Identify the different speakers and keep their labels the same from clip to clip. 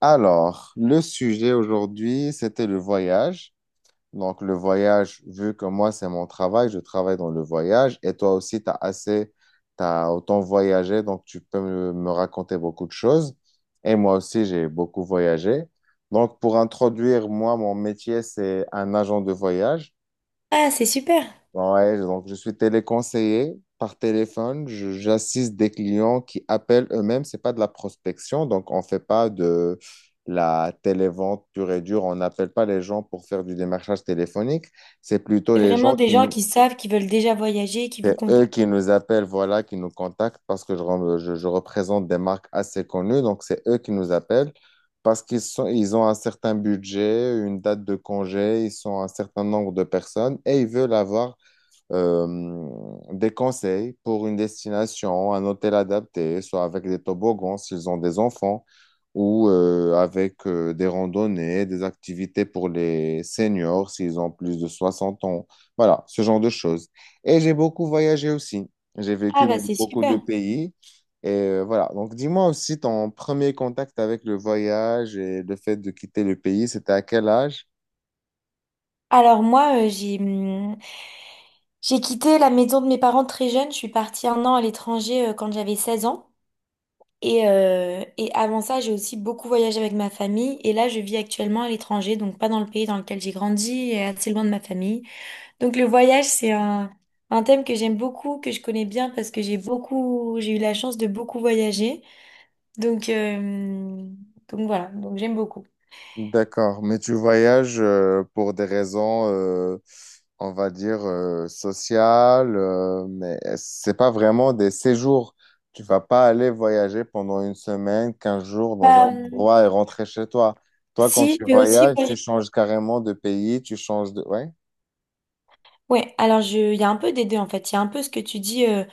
Speaker 1: Alors, le sujet aujourd'hui, c'était le voyage. Donc, le voyage, vu que moi, c'est mon travail, je travaille dans le voyage et toi aussi, tu as autant voyagé, donc tu peux me raconter beaucoup de choses. Et moi aussi, j'ai beaucoup voyagé. Donc, pour introduire, moi, mon métier, c'est un agent de voyage.
Speaker 2: Ah, c'est super.
Speaker 1: Ouais, donc je suis téléconseiller par téléphone. J'assiste des clients qui appellent eux-mêmes. C'est pas de la prospection, donc on fait pas de la télévente pure et dure. On n'appelle pas les gens pour faire du démarchage téléphonique. C'est plutôt
Speaker 2: C'est
Speaker 1: les gens
Speaker 2: vraiment des
Speaker 1: qui
Speaker 2: gens
Speaker 1: nous,
Speaker 2: qui savent, qui veulent déjà voyager, qui vous
Speaker 1: c'est eux qui
Speaker 2: contactent.
Speaker 1: nous appellent, voilà, qui nous contactent parce que je représente des marques assez connues. Donc c'est eux qui nous appellent parce qu'ils ont un certain budget, une date de congé, ils sont un certain nombre de personnes et ils veulent avoir euh, des conseils pour une destination, un hôtel adapté, soit avec des toboggans s'ils ont des enfants, ou avec des randonnées, des activités pour les seniors s'ils ont plus de 60 ans. Voilà, ce genre de choses. Et j'ai beaucoup voyagé aussi. J'ai
Speaker 2: Ah
Speaker 1: vécu
Speaker 2: bah
Speaker 1: dans
Speaker 2: c'est
Speaker 1: beaucoup de
Speaker 2: super.
Speaker 1: pays. Et voilà, donc dis-moi aussi ton premier contact avec le voyage et le fait de quitter le pays, c'était à quel âge?
Speaker 2: Alors moi, j'ai quitté la maison de mes parents très jeune. Je suis partie un an à l'étranger quand j'avais 16 ans. Et avant ça, j'ai aussi beaucoup voyagé avec ma famille. Et là, je vis actuellement à l'étranger, donc pas dans le pays dans lequel j'ai grandi et assez loin de ma famille. Donc le voyage, c'est un thème que j'aime beaucoup, que je connais bien parce que j'ai eu la chance de beaucoup voyager. Donc, euh, donc voilà, donc j'aime beaucoup.
Speaker 1: D'accord, mais tu voyages pour des raisons, on va dire, sociales, mais c'est pas vraiment des séjours. Tu vas pas aller voyager pendant une semaine, 15 jours dans un
Speaker 2: Bah,
Speaker 1: endroit et rentrer chez toi. Toi, quand
Speaker 2: si,
Speaker 1: tu
Speaker 2: je vais aussi
Speaker 1: voyages, tu
Speaker 2: voyager.
Speaker 1: changes carrément de pays, tu changes de. Ouais.
Speaker 2: Ouais, il y a un peu des deux en fait. Il y a un peu ce que tu dis, euh,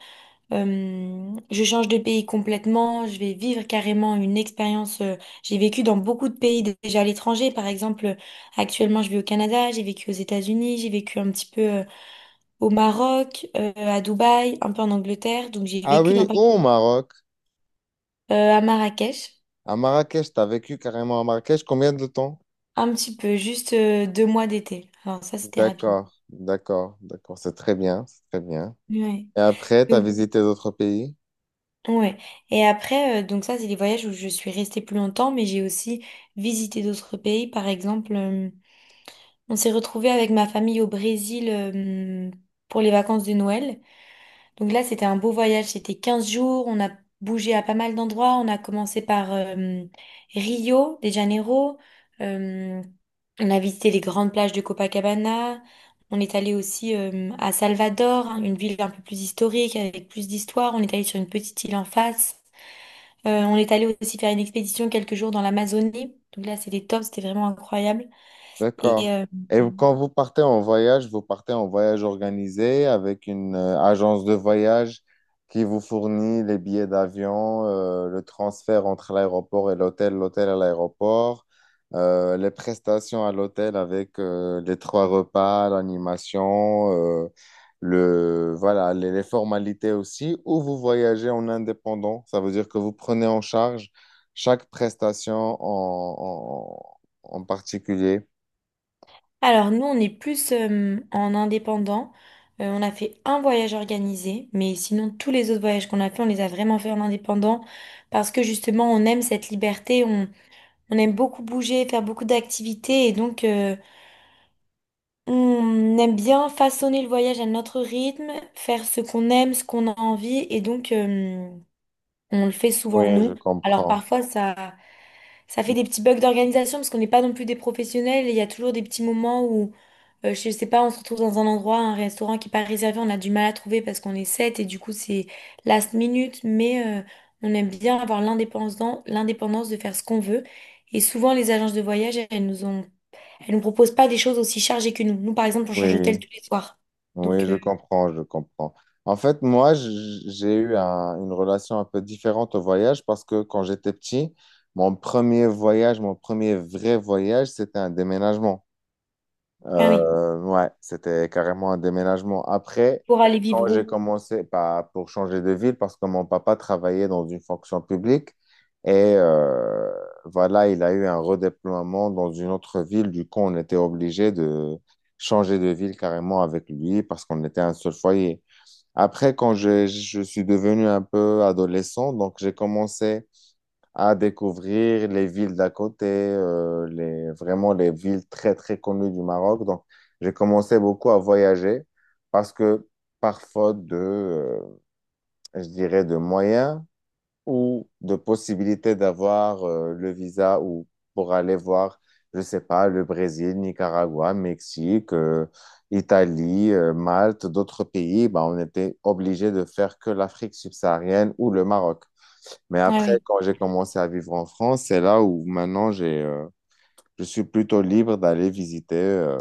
Speaker 2: euh, je change de pays complètement, je vais vivre carrément une expérience. J'ai vécu dans beaucoup de pays déjà à l'étranger. Par exemple, actuellement je vis au Canada, j'ai vécu aux États-Unis, j'ai vécu un petit peu au Maroc, à Dubaï, un peu en Angleterre. Donc j'ai
Speaker 1: Ah
Speaker 2: vécu dans,
Speaker 1: oui,
Speaker 2: pas-
Speaker 1: ou au Maroc,
Speaker 2: à Marrakech,
Speaker 1: à Marrakech, tu as vécu carrément à Marrakech combien de temps?
Speaker 2: un petit peu, juste 2 mois d'été. Alors ça c'était rapide.
Speaker 1: D'accord, d'accord, d'accord, c'est très bien, c'est très bien.
Speaker 2: Ouais.
Speaker 1: Et après, tu as visité d'autres pays?
Speaker 2: Ouais. Et après, donc ça, c'est les voyages où je suis restée plus longtemps, mais j'ai aussi visité d'autres pays. Par exemple, on s'est retrouvés avec ma famille au Brésil, pour les vacances de Noël. Donc là, c'était un beau voyage, c'était 15 jours, on a bougé à pas mal d'endroits, on a commencé par Rio de Janeiro, euh, on a visité les grandes plages de Copacabana, on est allé aussi à Salvador, hein, une ville un peu plus historique, avec plus d'histoire, on est allé sur une petite île en face. On est allé aussi faire une expédition quelques jours dans l'Amazonie, donc là c'était top, c'était vraiment incroyable. Et
Speaker 1: D'accord.
Speaker 2: euh,
Speaker 1: Et quand vous partez en voyage, vous partez en voyage organisé avec une agence de voyage qui vous fournit les billets d'avion, le transfert entre l'aéroport et l'hôtel, l'hôtel à l'aéroport, les prestations à l'hôtel avec les trois repas, l'animation, euh, voilà, les formalités aussi, ou vous voyagez en indépendant. Ça veut dire que vous prenez en charge chaque prestation en en particulier.
Speaker 2: Alors nous, on est plus en indépendant. On a fait un voyage organisé, mais sinon tous les autres voyages qu'on a fait, on les a vraiment fait en indépendant parce que justement, on aime cette liberté, on aime beaucoup bouger, faire beaucoup d'activités et donc on aime bien façonner le voyage à notre rythme, faire ce qu'on aime, ce qu'on a envie et donc on le fait souvent
Speaker 1: Oui, je
Speaker 2: nous. Alors
Speaker 1: comprends.
Speaker 2: parfois ça fait des petits bugs d'organisation parce qu'on n'est pas non plus des professionnels et il y a toujours des petits moments où, je sais pas, on se retrouve dans un endroit, un restaurant qui n'est pas réservé, on a du mal à trouver parce qu'on est sept et du coup c'est last minute, mais on aime bien avoir l'indépendance, l'indépendance de faire ce qu'on veut. Et souvent les agences de voyage, elles nous proposent pas des choses aussi chargées que nous. Nous par exemple, on change d'hôtel
Speaker 1: Oui,
Speaker 2: tous les soirs.
Speaker 1: oui,
Speaker 2: Donc,
Speaker 1: je comprends, je comprends. En fait, moi, j'ai eu une relation un peu différente au voyage parce que quand j'étais petit, mon premier voyage, mon premier vrai voyage, c'était un déménagement.
Speaker 2: ah oui,
Speaker 1: Ouais, c'était carrément un déménagement. Après,
Speaker 2: pour aller
Speaker 1: quand
Speaker 2: vivre
Speaker 1: j'ai
Speaker 2: où?
Speaker 1: commencé pas pour changer de ville, parce que mon papa travaillait dans une fonction publique, et voilà, il a eu un redéploiement dans une autre ville. Du coup, on était obligé de changer de ville carrément avec lui parce qu'on était un seul foyer. Après, quand je suis devenu un peu adolescent, donc j'ai commencé à découvrir les villes d'à côté, vraiment les villes très, très connues du Maroc. Donc, j'ai commencé beaucoup à voyager parce que par faute de, je dirais, de moyens ou de possibilité d'avoir le visa ou pour aller voir, je sais pas, le Brésil, Nicaragua, Mexique, Italie, Malte, d'autres pays, bah, on était obligé de faire que l'Afrique subsaharienne ou le Maroc. Mais
Speaker 2: Ah
Speaker 1: après,
Speaker 2: oui.
Speaker 1: quand j'ai commencé à vivre en France, c'est là où maintenant je suis plutôt libre d'aller visiter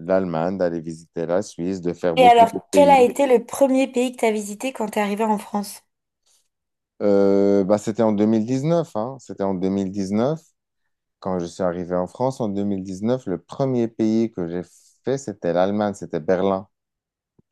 Speaker 1: l'Allemagne, d'aller visiter la Suisse, de faire
Speaker 2: Et
Speaker 1: beaucoup
Speaker 2: alors,
Speaker 1: de
Speaker 2: quel a
Speaker 1: pays.
Speaker 2: été le premier pays que tu as visité quand tu es arrivée en France?
Speaker 1: Bah, c'était en 2019, hein. C'était en 2019. Quand je suis arrivé en France en 2019, le premier pays que j'ai fait, c'était l'Allemagne, c'était Berlin.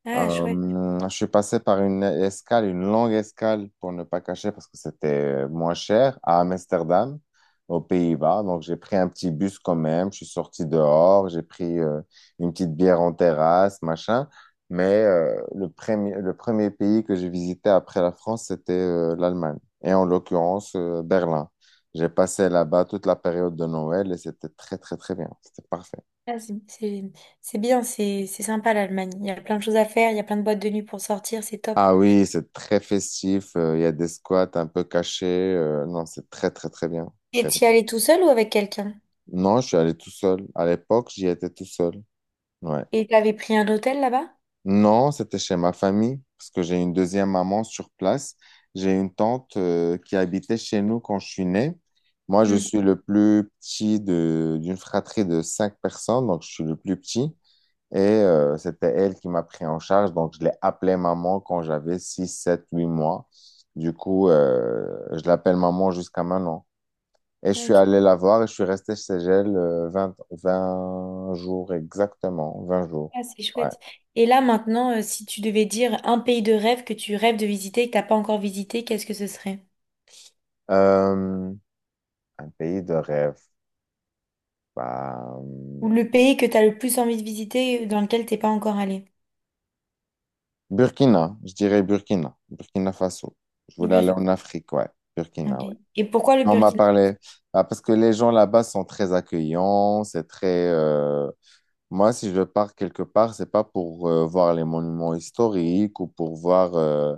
Speaker 2: Ah, chouette.
Speaker 1: Je suis passé par une escale, une longue escale pour ne pas cacher parce que c'était moins cher à Amsterdam, aux Pays-Bas. Donc j'ai pris un petit bus quand même. Je suis sorti dehors, j'ai pris une petite bière en terrasse, machin. Mais le premier, pays que j'ai visité après la France, c'était l'Allemagne et en l'occurrence Berlin. J'ai passé là-bas toute la période de Noël et c'était très très très bien. C'était parfait.
Speaker 2: Ah, c'est bien, c'est sympa l'Allemagne. Il y a plein de choses à faire, il y a plein de boîtes de nuit pour sortir, c'est top.
Speaker 1: Ah oui, c'est très festif. Il y a des squats un peu cachés. Non, c'est très, très, très bien.
Speaker 2: Et
Speaker 1: Très bien.
Speaker 2: t'y allais tout seul ou avec quelqu'un?
Speaker 1: Non, je suis allé tout seul. À l'époque, j'y étais tout seul. Ouais.
Speaker 2: Et t'avais pris un hôtel là-bas?
Speaker 1: Non, c'était chez ma famille parce que j'ai une deuxième maman sur place. J'ai une tante qui habitait chez nous quand je suis né. Moi, je
Speaker 2: Hmm.
Speaker 1: suis le plus petit de d'une fratrie de cinq personnes, donc je suis le plus petit. Et c'était elle qui m'a pris en charge. Donc, je l'ai appelée maman quand j'avais 6 7 8 mois. Du coup, je l'appelle maman jusqu'à maintenant. Et je suis
Speaker 2: Ok,
Speaker 1: allé la voir et je suis resté chez elle vingt 20 jours exactement. 20 jours.
Speaker 2: ah, c'est
Speaker 1: Ouais.
Speaker 2: chouette. Et là maintenant, si tu devais dire un pays de rêve que tu rêves de visiter et que t'as pas encore visité, qu'est-ce que ce serait?
Speaker 1: Euh, un pays de rêve. Bah,
Speaker 2: Ou le pays que t'as le plus envie de visiter dans lequel t'es pas encore allé?
Speaker 1: Burkina, je dirais Burkina. Burkina Faso. Je
Speaker 2: Le
Speaker 1: voulais aller
Speaker 2: Burkina.
Speaker 1: en Afrique, ouais. Burkina,
Speaker 2: Ok.
Speaker 1: ouais.
Speaker 2: Et pourquoi le
Speaker 1: Quand on m'a
Speaker 2: Burkina?
Speaker 1: parlé, bah, parce que les gens là-bas sont très accueillants, c'est très. Moi, si je pars quelque part, c'est pas pour voir les monuments historiques ou pour voir,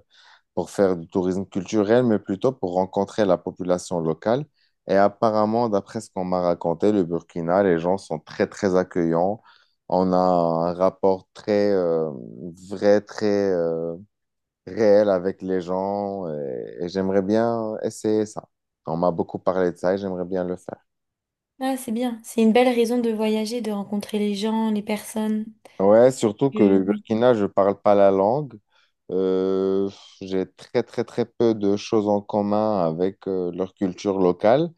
Speaker 1: pour faire du tourisme culturel, mais plutôt pour rencontrer la population locale. Et apparemment, d'après ce qu'on m'a raconté, le Burkina, les gens sont très, très accueillants. On a un rapport très vrai, très réel avec les gens et j'aimerais bien essayer ça. On m'a beaucoup parlé de ça et j'aimerais bien le faire.
Speaker 2: Ah, c'est bien. C'est une belle raison de voyager, de rencontrer les gens, les personnes.
Speaker 1: Ouais, surtout que le
Speaker 2: Que-
Speaker 1: Burkina, je parle pas la langue. Euh, j'ai très, très, très peu de choses en commun avec leur culture locale.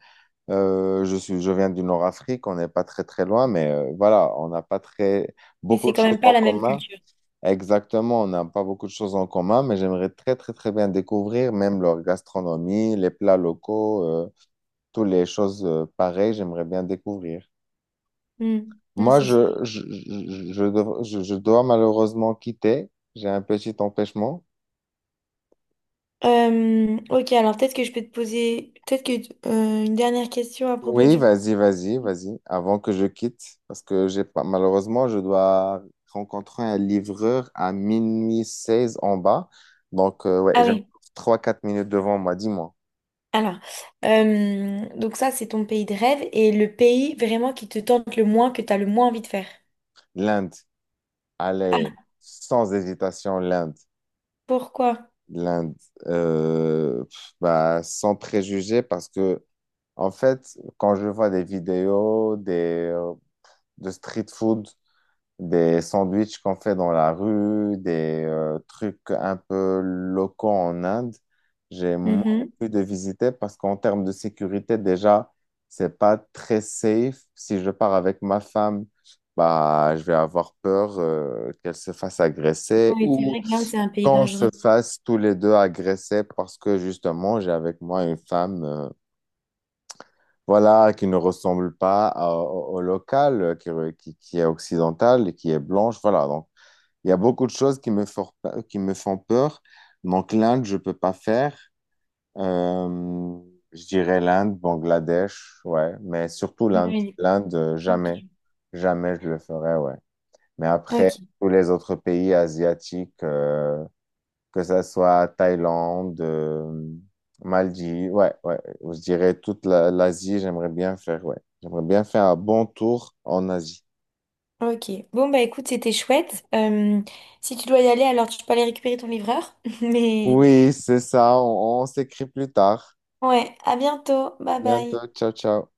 Speaker 1: Je viens du Nord-Afrique, on n'est pas très, très loin, mais voilà, on n'a pas
Speaker 2: Mais
Speaker 1: beaucoup
Speaker 2: c'est
Speaker 1: de
Speaker 2: quand
Speaker 1: choses
Speaker 2: même pas
Speaker 1: en
Speaker 2: la même
Speaker 1: commun.
Speaker 2: culture.
Speaker 1: Exactement, on n'a pas beaucoup de choses en commun, mais j'aimerais très, très, très bien découvrir même leur gastronomie, les plats locaux, toutes les choses pareilles, j'aimerais bien découvrir.
Speaker 2: Hmm. Ouais,
Speaker 1: Moi,
Speaker 2: c'est
Speaker 1: je,
Speaker 2: sûr.
Speaker 1: je, je, je dev- je- je dois malheureusement quitter. J'ai un petit empêchement.
Speaker 2: Ok, alors peut-être que je peux te poser peut-être que une dernière question à propos
Speaker 1: Oui,
Speaker 2: du...
Speaker 1: vas-y, vas-y, vas-y, avant que je quitte, parce que j'ai pas, malheureusement, je dois rencontrer un livreur à 0 h 16 en bas. Donc, ouais,
Speaker 2: Ah
Speaker 1: j'ai
Speaker 2: oui,
Speaker 1: trois quatre minutes devant moi, dis-moi.
Speaker 2: alors, donc ça c'est ton pays de rêve et le pays vraiment qui te tente le moins, que tu as le moins envie de faire.
Speaker 1: L'Inde, allez,
Speaker 2: Ah,
Speaker 1: sans hésitation, l'Inde,
Speaker 2: pourquoi?
Speaker 1: l'Inde, pff, bah, sans préjugés, parce que, en fait, quand je vois des vidéos, des euh, de street food, des sandwichs qu'on fait dans la rue, des trucs un peu locaux en Inde, j'ai moins
Speaker 2: Mhm.
Speaker 1: envie de visiter parce qu'en termes de sécurité, déjà, c'est pas très safe. Si je pars avec ma femme, bah, je vais avoir peur qu'elle se fasse agresser
Speaker 2: Oui, c'est
Speaker 1: ou
Speaker 2: vrai que l'Inde c'est un pays
Speaker 1: qu'on se
Speaker 2: dangereux.
Speaker 1: fasse tous les deux agresser parce que justement, j'ai avec moi une femme. Voilà, qui ne ressemble pas au local, qui est occidental et qui est blanche. Voilà, donc il y a beaucoup de choses qui me font peur. Donc l'Inde, je peux pas faire. Euh, je dirais l'Inde, Bangladesh, ouais, mais surtout l'Inde.
Speaker 2: Oui,
Speaker 1: L'Inde, jamais.
Speaker 2: ok.
Speaker 1: Jamais je le ferai, ouais. Mais après,
Speaker 2: Ok,
Speaker 1: tous les autres pays asiatiques, que ça soit Thaïlande, Maldives, ouais, ouais, je dirais toute l'Asie, j'aimerais bien faire, ouais, j'aimerais bien faire un bon tour en Asie.
Speaker 2: ok. Bon bah écoute, c'était chouette. Si tu dois y aller, alors tu peux aller récupérer ton livreur. Mais
Speaker 1: Oui, c'est ça, on s'écrit plus tard.
Speaker 2: ouais, à bientôt. Bye bye.
Speaker 1: Bientôt, ciao, ciao.